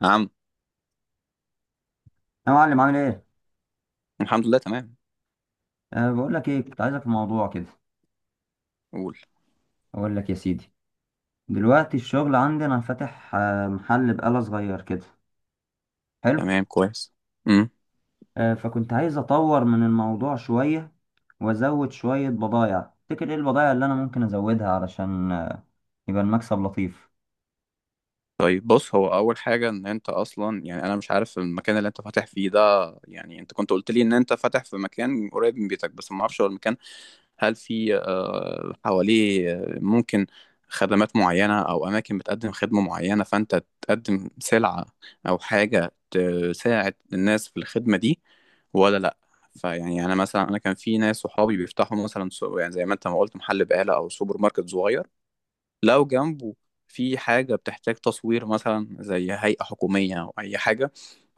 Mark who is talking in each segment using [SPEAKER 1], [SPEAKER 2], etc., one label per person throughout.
[SPEAKER 1] نعم.
[SPEAKER 2] يا معلم، عامل ايه؟
[SPEAKER 1] الحمد لله، تمام.
[SPEAKER 2] أه، بقول لك ايه كنت عايزك في موضوع كده.
[SPEAKER 1] قول.
[SPEAKER 2] اقول لك يا سيدي. دلوقتي الشغل عندنا فاتح، محل بقالة صغير كده. حلو.
[SPEAKER 1] تمام، كويس. امم.
[SPEAKER 2] أه، فكنت عايز اطور من الموضوع شوية، وازود شوية بضايع. تفتكر ايه البضايع اللي انا ممكن ازودها علشان يبقى المكسب لطيف؟
[SPEAKER 1] طيب، بص، هو اول حاجه ان انت اصلا، يعني انا مش عارف المكان اللي انت فاتح فيه ده. يعني انت كنت قلت لي ان انت فاتح في مكان قريب من بيتك، بس ما اعرفش هو المكان. هل في حواليه ممكن خدمات معينه او اماكن بتقدم خدمه معينه فانت تقدم سلعه او حاجه تساعد الناس في الخدمه دي ولا لا؟ فيعني انا مثلا، انا كان في ناس صحابي بيفتحوا مثلا يعني زي ما انت ما قلت محل بقاله او سوبر ماركت صغير. لو جنبه في حاجة بتحتاج تصوير، مثلا زي هيئة حكومية أو أي حاجة،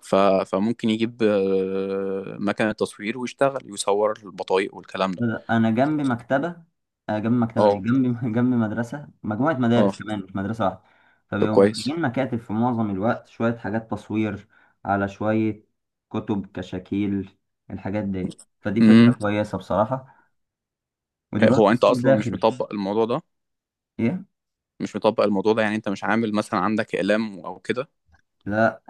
[SPEAKER 1] فممكن يجيب مكنة تصوير ويشتغل يصور البطايق والكلام ده.
[SPEAKER 2] انا جنبي مكتبه، جنبي مكتبه ايه،
[SPEAKER 1] اه.
[SPEAKER 2] جنبي جنبي مدرسه، مجموعه
[SPEAKER 1] اه.
[SPEAKER 2] مدارس كمان مش مدرسه واحده.
[SPEAKER 1] طب
[SPEAKER 2] فبيبقوا
[SPEAKER 1] كويس.
[SPEAKER 2] محتاجين مكاتب في معظم الوقت، شويه حاجات تصوير، على شويه كتب كشاكيل. الحاجات دي، فدي
[SPEAKER 1] امم.
[SPEAKER 2] فكره كويسه بصراحه. ودلوقتي
[SPEAKER 1] هو أنت
[SPEAKER 2] الصيف
[SPEAKER 1] أصلا مش
[SPEAKER 2] داخل.
[SPEAKER 1] مطبق الموضوع ده؟
[SPEAKER 2] ايه؟
[SPEAKER 1] مش مطبق الموضوع ده، يعني أنت مش عامل مثلا عندك إعلام أو كده؟
[SPEAKER 2] لا.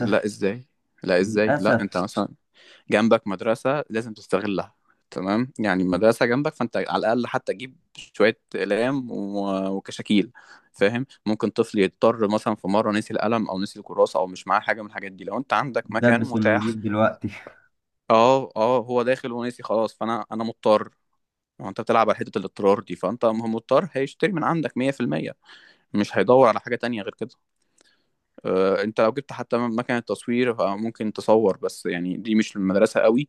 [SPEAKER 1] لا إزاي. لا إزاي، لا أنت
[SPEAKER 2] للاسف.
[SPEAKER 1] مثلا جنبك مدرسة، لازم تستغلها. تمام، يعني المدرسة جنبك فانت على الأقل حتى تجيب شوية أقلام وكشاكيل. فاهم؟ ممكن طفل يضطر مثلا في مرة نسي القلم أو نسي الكراسة أو مش معاه حاجة من الحاجات دي، لو أنت عندك مكان
[SPEAKER 2] دبس انه
[SPEAKER 1] متاح.
[SPEAKER 2] يجيب دلوقتي
[SPEAKER 1] اه، اه، هو داخل ونسي خلاص، فأنا مضطر. هو أنت بتلعب على حتة الاضطرار دي، فأنت مضطر هيشتري من عندك 100%. مش هيدور على حاجة تانية غير كده. أنت لو جبت حتى مكنة تصوير فممكن تصور، بس يعني دي مش المدرسة قوي.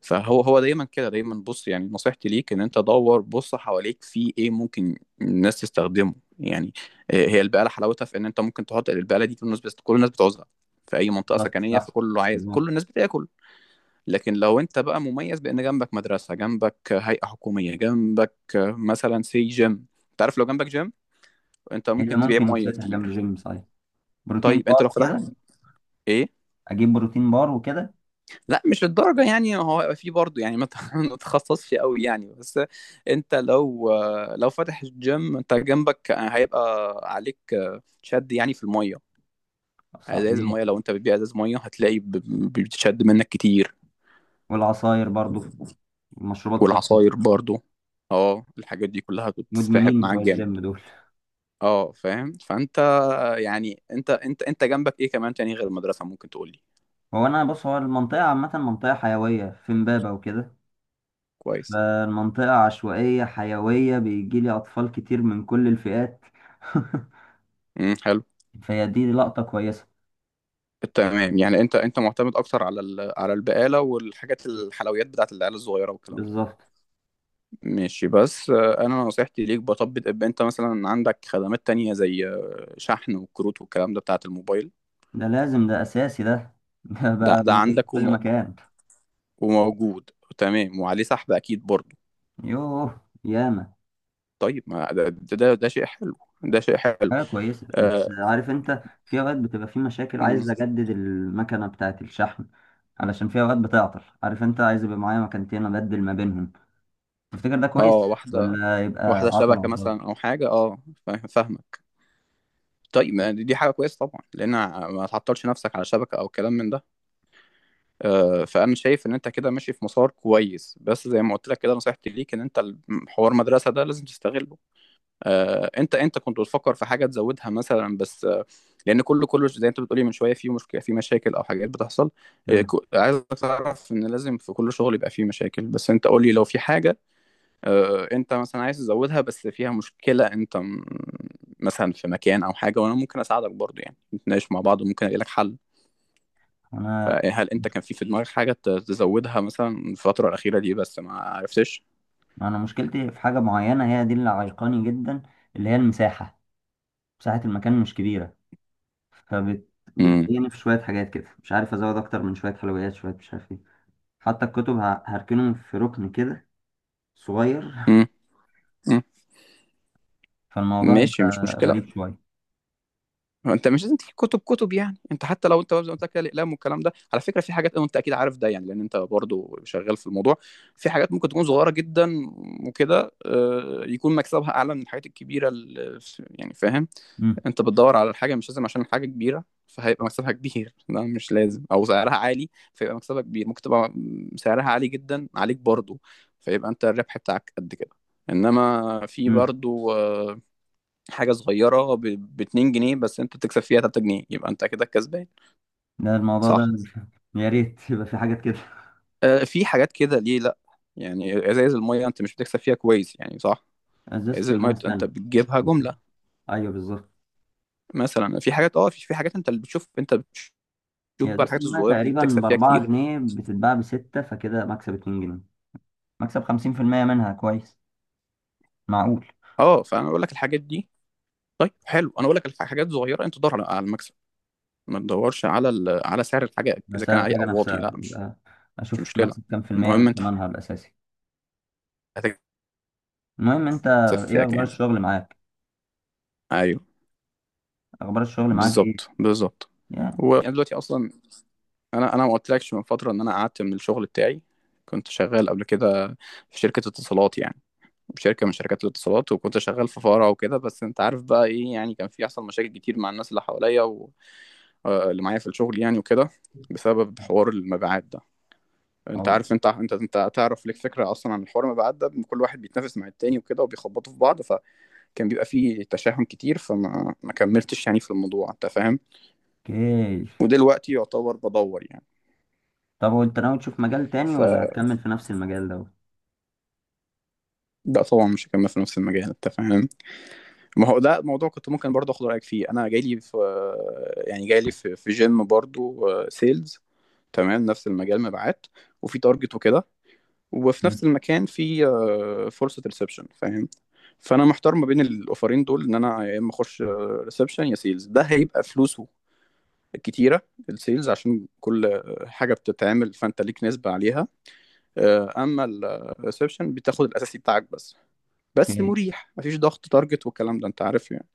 [SPEAKER 1] فهو دايما كده دايما، بص يعني نصيحتي ليك ان انت دور، بص حواليك في ايه ممكن الناس تستخدمه يعني. هي البقاله حلاوتها في ان انت ممكن تحط البقاله دي كل الناس، بس كل الناس بتعوزها في اي منطقه
[SPEAKER 2] بالظبط،
[SPEAKER 1] سكنيه،
[SPEAKER 2] صح،
[SPEAKER 1] فكله عايز،
[SPEAKER 2] بالظبط.
[SPEAKER 1] كل الناس بتاكل. لكن لو انت بقى مميز بان جنبك مدرسه، جنبك هيئه حكوميه، جنبك مثلا سي جيم. انت عارف، لو جنبك جيم انت
[SPEAKER 2] إيه اللي
[SPEAKER 1] ممكن تبيع
[SPEAKER 2] ممكن
[SPEAKER 1] ميه
[SPEAKER 2] يتفتح جنب
[SPEAKER 1] كتير.
[SPEAKER 2] جيم؟ صحيح، بروتين
[SPEAKER 1] طيب انت
[SPEAKER 2] بار
[SPEAKER 1] لو فتحت
[SPEAKER 2] وكده.
[SPEAKER 1] ايه.
[SPEAKER 2] اجيب بروتين بار وكده.
[SPEAKER 1] لا مش الدرجة، يعني هو هيبقى فيه برضه، يعني ما تتخصصش قوي يعني. بس انت لو فاتح الجيم انت جنبك هيبقى عليك شد، يعني في المية، ازاز
[SPEAKER 2] صحيح.
[SPEAKER 1] المية. لو انت بتبيع ازاز مية هتلاقي بتشد منك كتير.
[SPEAKER 2] والعصاير برضو، مشروبات طاقة.
[SPEAKER 1] والعصاير برضه. اه، الحاجات دي كلها بتسحب
[SPEAKER 2] مدمنين
[SPEAKER 1] معاك
[SPEAKER 2] بتوع
[SPEAKER 1] جامد.
[SPEAKER 2] الجيم دول.
[SPEAKER 1] اه فاهم، فانت، يعني انت انت انت جنبك ايه كمان تاني غير المدرسة، ممكن تقولي؟
[SPEAKER 2] هو انا بص، هو المنطقة عامة، منطقة حيوية في امبابة وكده.
[SPEAKER 1] كويس.
[SPEAKER 2] فالمنطقة عشوائية حيوية، بيجيلي اطفال كتير من كل الفئات
[SPEAKER 1] امم، حلو.
[SPEAKER 2] فهي دي لقطة كويسة.
[SPEAKER 1] تمام، يعني انت، معتمد اكتر على على البقاله والحاجات، الحلويات بتاعت العيال الصغيره والكلام ده.
[SPEAKER 2] بالظبط.
[SPEAKER 1] ماشي، بس انا نصيحتي ليك بطبق، ابقى انت مثلا عندك خدمات تانية زي شحن وكروت والكلام ده بتاعت الموبايل.
[SPEAKER 2] ده لازم، ده اساسي، ده ده
[SPEAKER 1] ده
[SPEAKER 2] بقى
[SPEAKER 1] ده
[SPEAKER 2] موجود في
[SPEAKER 1] عندك
[SPEAKER 2] كل مكان.
[SPEAKER 1] وموجود. تمام، وعليه سحب اكيد برضه.
[SPEAKER 2] يوه ياما.
[SPEAKER 1] طيب ما ده شيء حلو. ده شيء حلو.
[SPEAKER 2] حاجة كويسة بس.
[SPEAKER 1] اه.
[SPEAKER 2] عارف انت في اوقات بتبقى في مشاكل،
[SPEAKER 1] مم.
[SPEAKER 2] عايز اجدد المكنة بتاعت الشحن، علشان في اوقات بتعطل. عارف انت، عايز يبقى معايا مكانتين ابدل ما بينهم. تفتكر ده كويس
[SPEAKER 1] واحده،
[SPEAKER 2] ولا يبقى
[SPEAKER 1] واحده
[SPEAKER 2] عطل على
[SPEAKER 1] شبكه
[SPEAKER 2] الفاضي؟
[SPEAKER 1] مثلا او حاجه، اه. فاهمك. طيب ما دي حاجه كويسه طبعا، لان ما تعطلش نفسك على شبكه او كلام من ده. فانا شايف ان انت كده ماشي في مسار كويس، بس زي ما قلت لك كده نصيحتي ليك ان انت، حوار مدرسه ده لازم تستغله. انت، كنت بتفكر في حاجه تزودها مثلا بس لان كله زي انت بتقولي من شويه، في مشكله، في مشاكل او حاجات بتحصل.
[SPEAKER 2] مم.
[SPEAKER 1] عايزك تعرف ان لازم في كل شغل يبقى فيه مشاكل، بس انت قولي لو في حاجه انت مثلا عايز تزودها بس فيها مشكله، انت مثلا في مكان او حاجه، وانا ممكن اساعدك برضو، يعني نتناقش مع بعض وممكن الاقي لك حل.
[SPEAKER 2] انا
[SPEAKER 1] فهل انت كان في دماغك حاجة تزودها مثلا الفترة الأخيرة دي بس ما عرفتش؟
[SPEAKER 2] انا مشكلتي في حاجه معينه، هي دي اللي عيقاني جدا. اللي هي المساحه. مساحه المكان مش كبيره. فبت
[SPEAKER 1] امم.
[SPEAKER 2] بتضايقني في شويه حاجات كده، مش عارف ازود اكتر من شويه حلويات، شويه مش عارف ايه. حتى الكتب هركنهم في ركن كده صغير.
[SPEAKER 1] امم. امم.
[SPEAKER 2] فالموضوع
[SPEAKER 1] ماشي، مش
[SPEAKER 2] هيبقى
[SPEAKER 1] مشكلة.
[SPEAKER 2] غريب شويه.
[SPEAKER 1] انت مش لازم تجيب كتب كتب، يعني انت حتى لو انت زي ما قلت لك كده، الأقلام والكلام ده. على فكرة في حاجات، وانت أكيد عارف ده يعني، لأن انت برضو شغال في الموضوع. في حاجات ممكن تكون صغيرة جدا وكده يكون مكسبها أعلى من الحاجات الكبيرة يعني فاهم.
[SPEAKER 2] مم.
[SPEAKER 1] انت بتدور على الحاجة، مش لازم عشان الحاجة كبيرة فهيبقى مكسبها كبير ده مش لازم، او سعرها عالي فيبقى مكسبها كبير. ممكن تبقى سعرها عالي جدا عليك برضو فيبقى انت الربح بتاعك قد كده. انما في
[SPEAKER 2] مم.
[SPEAKER 1] برضو حاجة صغيرة، ب 2 جنيه بس، انت تكسب فيها 3 جنيه، يبقى انت كده كسبان.
[SPEAKER 2] ده الموضوع ده
[SPEAKER 1] صح.
[SPEAKER 2] يا ريت يبقى في حاجات كده
[SPEAKER 1] في حاجات كده، ليه لا. يعني ازايز المية انت مش بتكسب فيها كويس يعني، صح؟
[SPEAKER 2] ازازه
[SPEAKER 1] ازايز المية،
[SPEAKER 2] المايه،
[SPEAKER 1] انت
[SPEAKER 2] استنى.
[SPEAKER 1] بتجيبها جملة.
[SPEAKER 2] ايوه بالظبط.
[SPEAKER 1] مثلا في حاجات اه، في حاجات انت اللي بتشوف، انت بتشوف
[SPEAKER 2] هي
[SPEAKER 1] بقى
[SPEAKER 2] ازازة
[SPEAKER 1] الحاجات
[SPEAKER 2] المية
[SPEAKER 1] الصغيرة دي اللي
[SPEAKER 2] تقريبا
[SPEAKER 1] بتكسب فيها
[SPEAKER 2] بأربعة
[SPEAKER 1] كتير.
[SPEAKER 2] جنيه بتتباع بستة، فكده مكسب 2 جنيه. مكسب 50% منها كويس. معقول.
[SPEAKER 1] اه، فانا بقول لك الحاجات دي. طيب حلو، انا بقول لك حاجات صغيره. انت دور على المكسب، ما تدورش على على سعر الحاجه،
[SPEAKER 2] ده
[SPEAKER 1] اذا كان
[SPEAKER 2] سعر
[SPEAKER 1] عالي
[SPEAKER 2] الحاجة
[SPEAKER 1] او واطي. لا،
[SPEAKER 2] نفسها،
[SPEAKER 1] مش
[SPEAKER 2] يبقى
[SPEAKER 1] مش
[SPEAKER 2] أشوف
[SPEAKER 1] مشكله.
[SPEAKER 2] مكسب كام في المية
[SPEAKER 1] المهم
[SPEAKER 2] من
[SPEAKER 1] انت
[SPEAKER 2] ثمنها الأساسي.
[SPEAKER 1] هتكسب
[SPEAKER 2] المهم أنت. إيه
[SPEAKER 1] فيها
[SPEAKER 2] أخبار
[SPEAKER 1] كام.
[SPEAKER 2] الشغل معاك؟
[SPEAKER 1] ايوه،
[SPEAKER 2] أخبار الشغل معاك إيه؟
[SPEAKER 1] بالظبط، بالظبط.
[SPEAKER 2] يا.
[SPEAKER 1] وانا دلوقتي اصلا، انا انا ما قلتلكش من فتره ان انا قعدت من الشغل بتاعي. كنت شغال قبل كده في شركه اتصالات، يعني شركه من شركات الاتصالات، وكنت شغال في فرع وكده. بس انت عارف بقى ايه، يعني كان في يحصل مشاكل كتير مع الناس اللي حواليا واللي معايا في الشغل يعني وكده، بسبب حوار المبيعات ده. انت عارف، انت تعرف ليك فكره اصلا عن الحوار. ما بعد ده كل واحد بيتنافس مع التاني وكده، وبيخبطوا في بعض، فكان بيبقى فيه تشاحن كتير، فما ما كملتش يعني في الموضوع، انت فاهم.
[SPEAKER 2] أوكي.
[SPEAKER 1] ودلوقتي يعتبر بدور يعني.
[SPEAKER 2] طب وأنت ناوي تشوف مجال تاني ولا
[SPEAKER 1] فلا،
[SPEAKER 2] هتكمل في نفس المجال ده؟
[SPEAKER 1] طبعا مش هكمل في نفس المجال، انت فاهم. ما هو ده موضوع كنت ممكن برضه اخد رايك فيه. انا جاي لي في، يعني جاي لي في جيم برضه سيلز. تمام، نفس المجال مبيعات، وفي تارجت وكده، وفي نفس
[SPEAKER 2] مم.
[SPEAKER 1] المكان في فرصة ريسبشن، فاهم. فانا محتار ما بين الاوفرين دول، ان انا يا اما اخش ريسبشن يا سيلز. ده هيبقى فلوسه كتيرة، السيلز، عشان كل حاجة بتتعمل فانت ليك نسبة عليها. اما الريسبشن بتاخد الاساسي بتاعك بس، بس
[SPEAKER 2] أوكي.
[SPEAKER 1] مريح، مفيش ضغط تارجت والكلام ده، انت عارف يعني.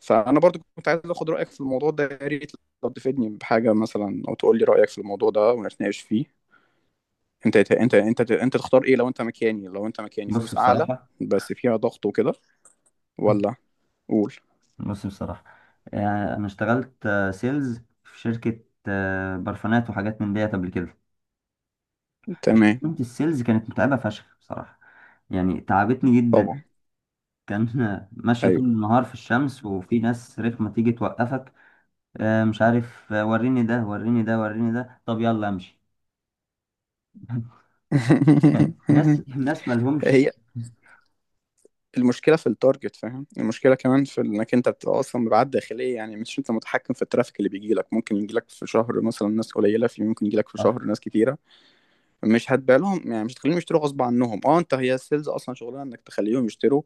[SPEAKER 1] فانا برضو كنت عايز اخد رايك في الموضوع ده، يا ريت لو تفيدني بحاجه مثلا، او تقول لي رايك في الموضوع ده ونتناقش فيه. انت انت انت انت تختار ايه لو انت مكاني؟ لو انت مكاني
[SPEAKER 2] بص
[SPEAKER 1] فلوس اعلى
[SPEAKER 2] بصراحة
[SPEAKER 1] بس فيها ضغط وكده، ولا؟ قول.
[SPEAKER 2] بص بصراحة أنا اشتغلت سيلز في شركة برفانات وحاجات من ديت قبل كده.
[SPEAKER 1] تمام،
[SPEAKER 2] تيمة السيلز كانت متعبة فشخ بصراحة. يعني تعبتني جدا.
[SPEAKER 1] طبعا،
[SPEAKER 2] كان ماشية طول
[SPEAKER 1] ايوه
[SPEAKER 2] النهار في الشمس، وفي ناس رخمة تيجي توقفك. مش عارف، وريني ده، وريني ده، وريني ده، طب يلا امشي ناس ناس
[SPEAKER 1] هي
[SPEAKER 2] مالهمش.
[SPEAKER 1] المشكله في التارجت، فاهم. المشكله كمان في انك انت بتبقى اصلا مبيعات داخليه، يعني مش انت متحكم في الترافيك اللي بيجي لك. ممكن يجي لك في شهر مثلا ناس قليله، في ممكن يجي لك في
[SPEAKER 2] أف-
[SPEAKER 1] شهر ناس كتيره مش هتبالهم يعني، مش هتخليهم يشتروا غصب عنهم. اه، انت، هي السيلز اصلا شغلها انك تخليهم يشتروا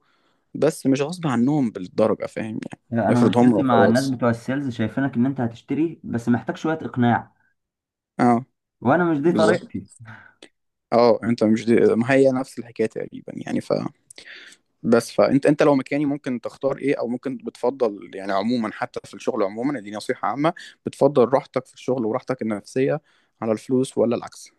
[SPEAKER 1] بس مش غصب عنهم بالدرجه، فاهم يعني،
[SPEAKER 2] انا
[SPEAKER 1] افرض هم
[SPEAKER 2] مشكلتي مع الناس
[SPEAKER 1] وخلاص.
[SPEAKER 2] بتوع السيلز، شايفينك ان انت هتشتري بس محتاج شوية اقناع.
[SPEAKER 1] اه،
[SPEAKER 2] وانا مش دي
[SPEAKER 1] بالظبط.
[SPEAKER 2] طريقتي.
[SPEAKER 1] اه، انت مش دي... ما هي نفس الحكايه تقريبا يعني. ف، بس فانت، انت لو مكاني ممكن تختار ايه، او ممكن بتفضل يعني عموما؟ حتى في الشغل عموما دي نصيحه عامه. بتفضل راحتك في الشغل وراحتك النفسيه على الفلوس، ولا العكس؟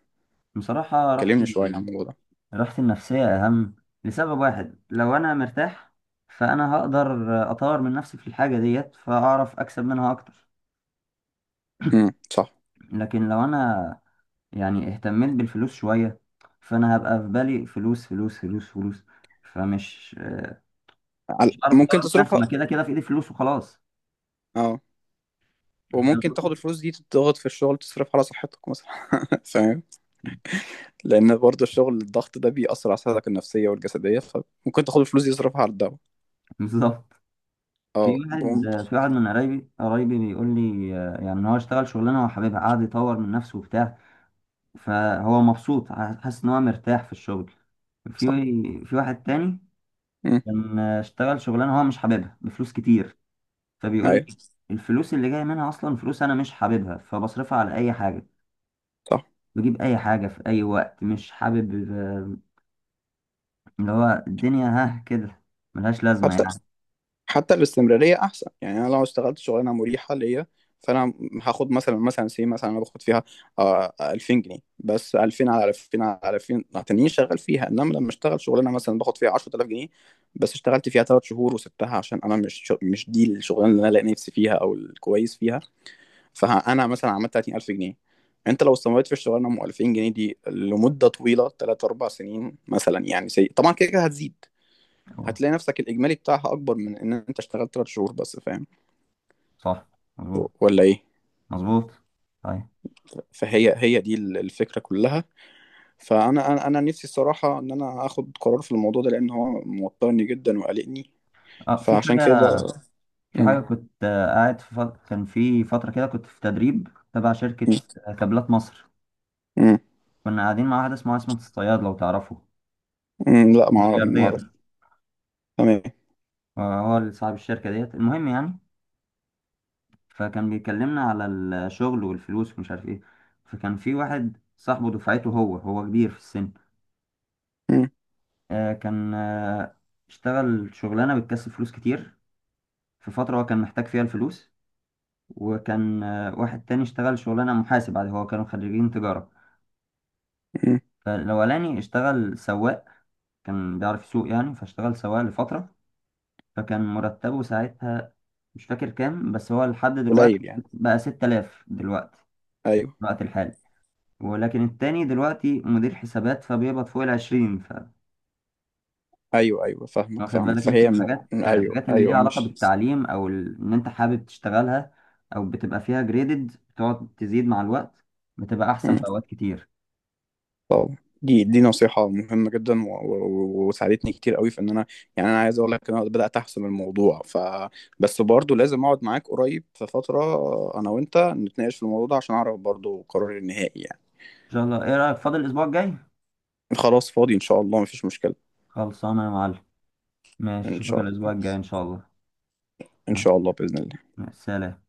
[SPEAKER 2] بصراحة
[SPEAKER 1] كلمني شويه عن الموضوع ده.
[SPEAKER 2] راحتي النفسية أهم. لسبب واحد، لو أنا مرتاح فأنا هقدر أطور من نفسي في الحاجة ديت، فأعرف أكسب منها أكتر.
[SPEAKER 1] امم، صح.
[SPEAKER 2] لكن لو أنا يعني اهتميت بالفلوس شوية، فأنا هبقى في بالي فلوس فلوس فلوس فلوس، فمش مش هعرف
[SPEAKER 1] ممكن
[SPEAKER 2] أطور من نفسي.
[SPEAKER 1] تصرفها.
[SPEAKER 2] ما كده كده في إيدي فلوس وخلاص
[SPEAKER 1] اه،
[SPEAKER 2] فاهم
[SPEAKER 1] وممكن تاخد
[SPEAKER 2] قصدي؟
[SPEAKER 1] الفلوس دي تضغط في الشغل، تصرفها على صحتك مثلا فاهم، لان برضه الشغل، الضغط ده بيأثر على صحتك النفسيه والجسديه، فممكن تاخد الفلوس دي تصرفها على الدواء.
[SPEAKER 2] بالظبط.
[SPEAKER 1] اه،
[SPEAKER 2] في واحد
[SPEAKER 1] بوم.
[SPEAKER 2] في واحد من قرايبي، قرايبي بيقول لي، يعني إن هو اشتغل شغلانة هو حاببها، قعد يطور من نفسه وبتاع. فهو مبسوط حاسس ان هو مرتاح في الشغل. في
[SPEAKER 1] صح.
[SPEAKER 2] في واحد تاني
[SPEAKER 1] امم.
[SPEAKER 2] كان اشتغل شغلانه هو مش حاببها بفلوس كتير، فبيقول
[SPEAKER 1] ايوه
[SPEAKER 2] لي الفلوس اللي جايه منها اصلا فلوس انا مش حاببها، فبصرفها على اي حاجه،
[SPEAKER 1] صح.
[SPEAKER 2] بجيب اي حاجه في اي وقت مش حابب. اللي هو الدنيا ها كده، ملهاش لازمه
[SPEAKER 1] حتى،
[SPEAKER 2] يعني.
[SPEAKER 1] الاستمراريه احسن. يعني انا لو اشتغلت شغلانه مريحه ليا، فانا هاخد مثلا، سي، مثلا انا باخد فيها 2000 جنيه بس، 2000 على 2000 على 2000 تانيين شغال فيها. انما لما اشتغل شغلانه مثلا باخد فيها 10000 جنيه، بس اشتغلت فيها 3 شهور وسبتها عشان انا، مش دي الشغلانه اللي انا لاقي نفسي فيها او الكويس فيها. فانا مثلا عملت 30000 جنيه. انت لو استمريت في الشغلانه ام 2000 جنيه دي لمده طويله 3 4 سنين مثلا، يعني طبعا كده كده هتزيد.
[SPEAKER 2] هو.
[SPEAKER 1] هتلاقي نفسك الإجمالي بتاعها أكبر من إن أنت اشتغلت 3 شهور بس، فاهم
[SPEAKER 2] صح. مظبوط.
[SPEAKER 1] ولا إيه؟
[SPEAKER 2] مظبوط. طيب.
[SPEAKER 1] فهي، هي دي الفكرة كلها. فأنا أنا أنا نفسي الصراحة إن أنا آخد قرار في الموضوع ده، لأن هو موترني جدا وقلقني،
[SPEAKER 2] اه، في حاجه.
[SPEAKER 1] فعشان كده.
[SPEAKER 2] في حاجه
[SPEAKER 1] مم.
[SPEAKER 2] كنت آه، قاعد في فت... كان في فتره كده كنت في تدريب تبع شركه
[SPEAKER 1] مم.
[SPEAKER 2] كابلات مصر.
[SPEAKER 1] مم.
[SPEAKER 2] كنا قاعدين مع واحد اسمه عصمت الصياد لو تعرفه.
[SPEAKER 1] مم. لا، ما
[SPEAKER 2] ملياردير.
[SPEAKER 1] أعرف. تمام.
[SPEAKER 2] هو اللي صاحب الشركة ديت، المهم يعني. فكان بيكلمنا على الشغل والفلوس ومش عارف ايه. فكان في واحد صاحبه دفعته، هو كبير في السن.
[SPEAKER 1] مم.
[SPEAKER 2] كان اشتغل شغلانة بتكسب فلوس كتير في فترة هو كان محتاج فيها الفلوس. وكان واحد تاني اشتغل شغلانة محاسب عادي، هو كانوا خريجين تجارة.
[SPEAKER 1] مم.
[SPEAKER 2] فالأولاني اشتغل سواق، كان بيعرف يسوق يعني فاشتغل سواق لفترة. فكان مرتبه ساعتها مش فاكر كام، بس هو لحد دلوقتي
[SPEAKER 1] قليل يعني.
[SPEAKER 2] بقى 6000 دلوقتي،
[SPEAKER 1] أيوه.
[SPEAKER 2] في الوقت الحالي. ولكن التاني دلوقتي مدير حسابات، فبيقبض فوق ال 20. ف
[SPEAKER 1] أيوه. أيوه فاهمك،
[SPEAKER 2] واخد بالك انت من
[SPEAKER 1] فهي م...
[SPEAKER 2] الحاجات
[SPEAKER 1] أيوه،
[SPEAKER 2] الحاجات اللي ليها
[SPEAKER 1] أيوه،
[SPEAKER 2] علاقة
[SPEAKER 1] مش
[SPEAKER 2] بالتعليم او ان انت حابب تشتغلها، او بتبقى فيها جريدد بتقعد تزيد مع الوقت، بتبقى احسن في اوقات كتير. ان
[SPEAKER 1] طبعا، دي نصيحة مهمة جدا وساعدتني كتير قوي في ان انا، يعني انا عايز اقول لك ان انا بدأت احسم الموضوع، ف بس برضه لازم اقعد معاك قريب في فترة، انا وانت نتناقش في الموضوع ده عشان اعرف برضه قراري النهائي يعني.
[SPEAKER 2] شاء الله، ايه رأيك فاضل الاسبوع الجاي؟
[SPEAKER 1] خلاص فاضي ان شاء الله، مفيش مشكلة.
[SPEAKER 2] خلصانه يا معلم. ماشي،
[SPEAKER 1] ان
[SPEAKER 2] اشوفك
[SPEAKER 1] شاء
[SPEAKER 2] الاسبوع
[SPEAKER 1] الله.
[SPEAKER 2] الجاي ان شاء الله.
[SPEAKER 1] ان
[SPEAKER 2] ماشي.
[SPEAKER 1] شاء الله بإذن الله.
[SPEAKER 2] مع السلامه.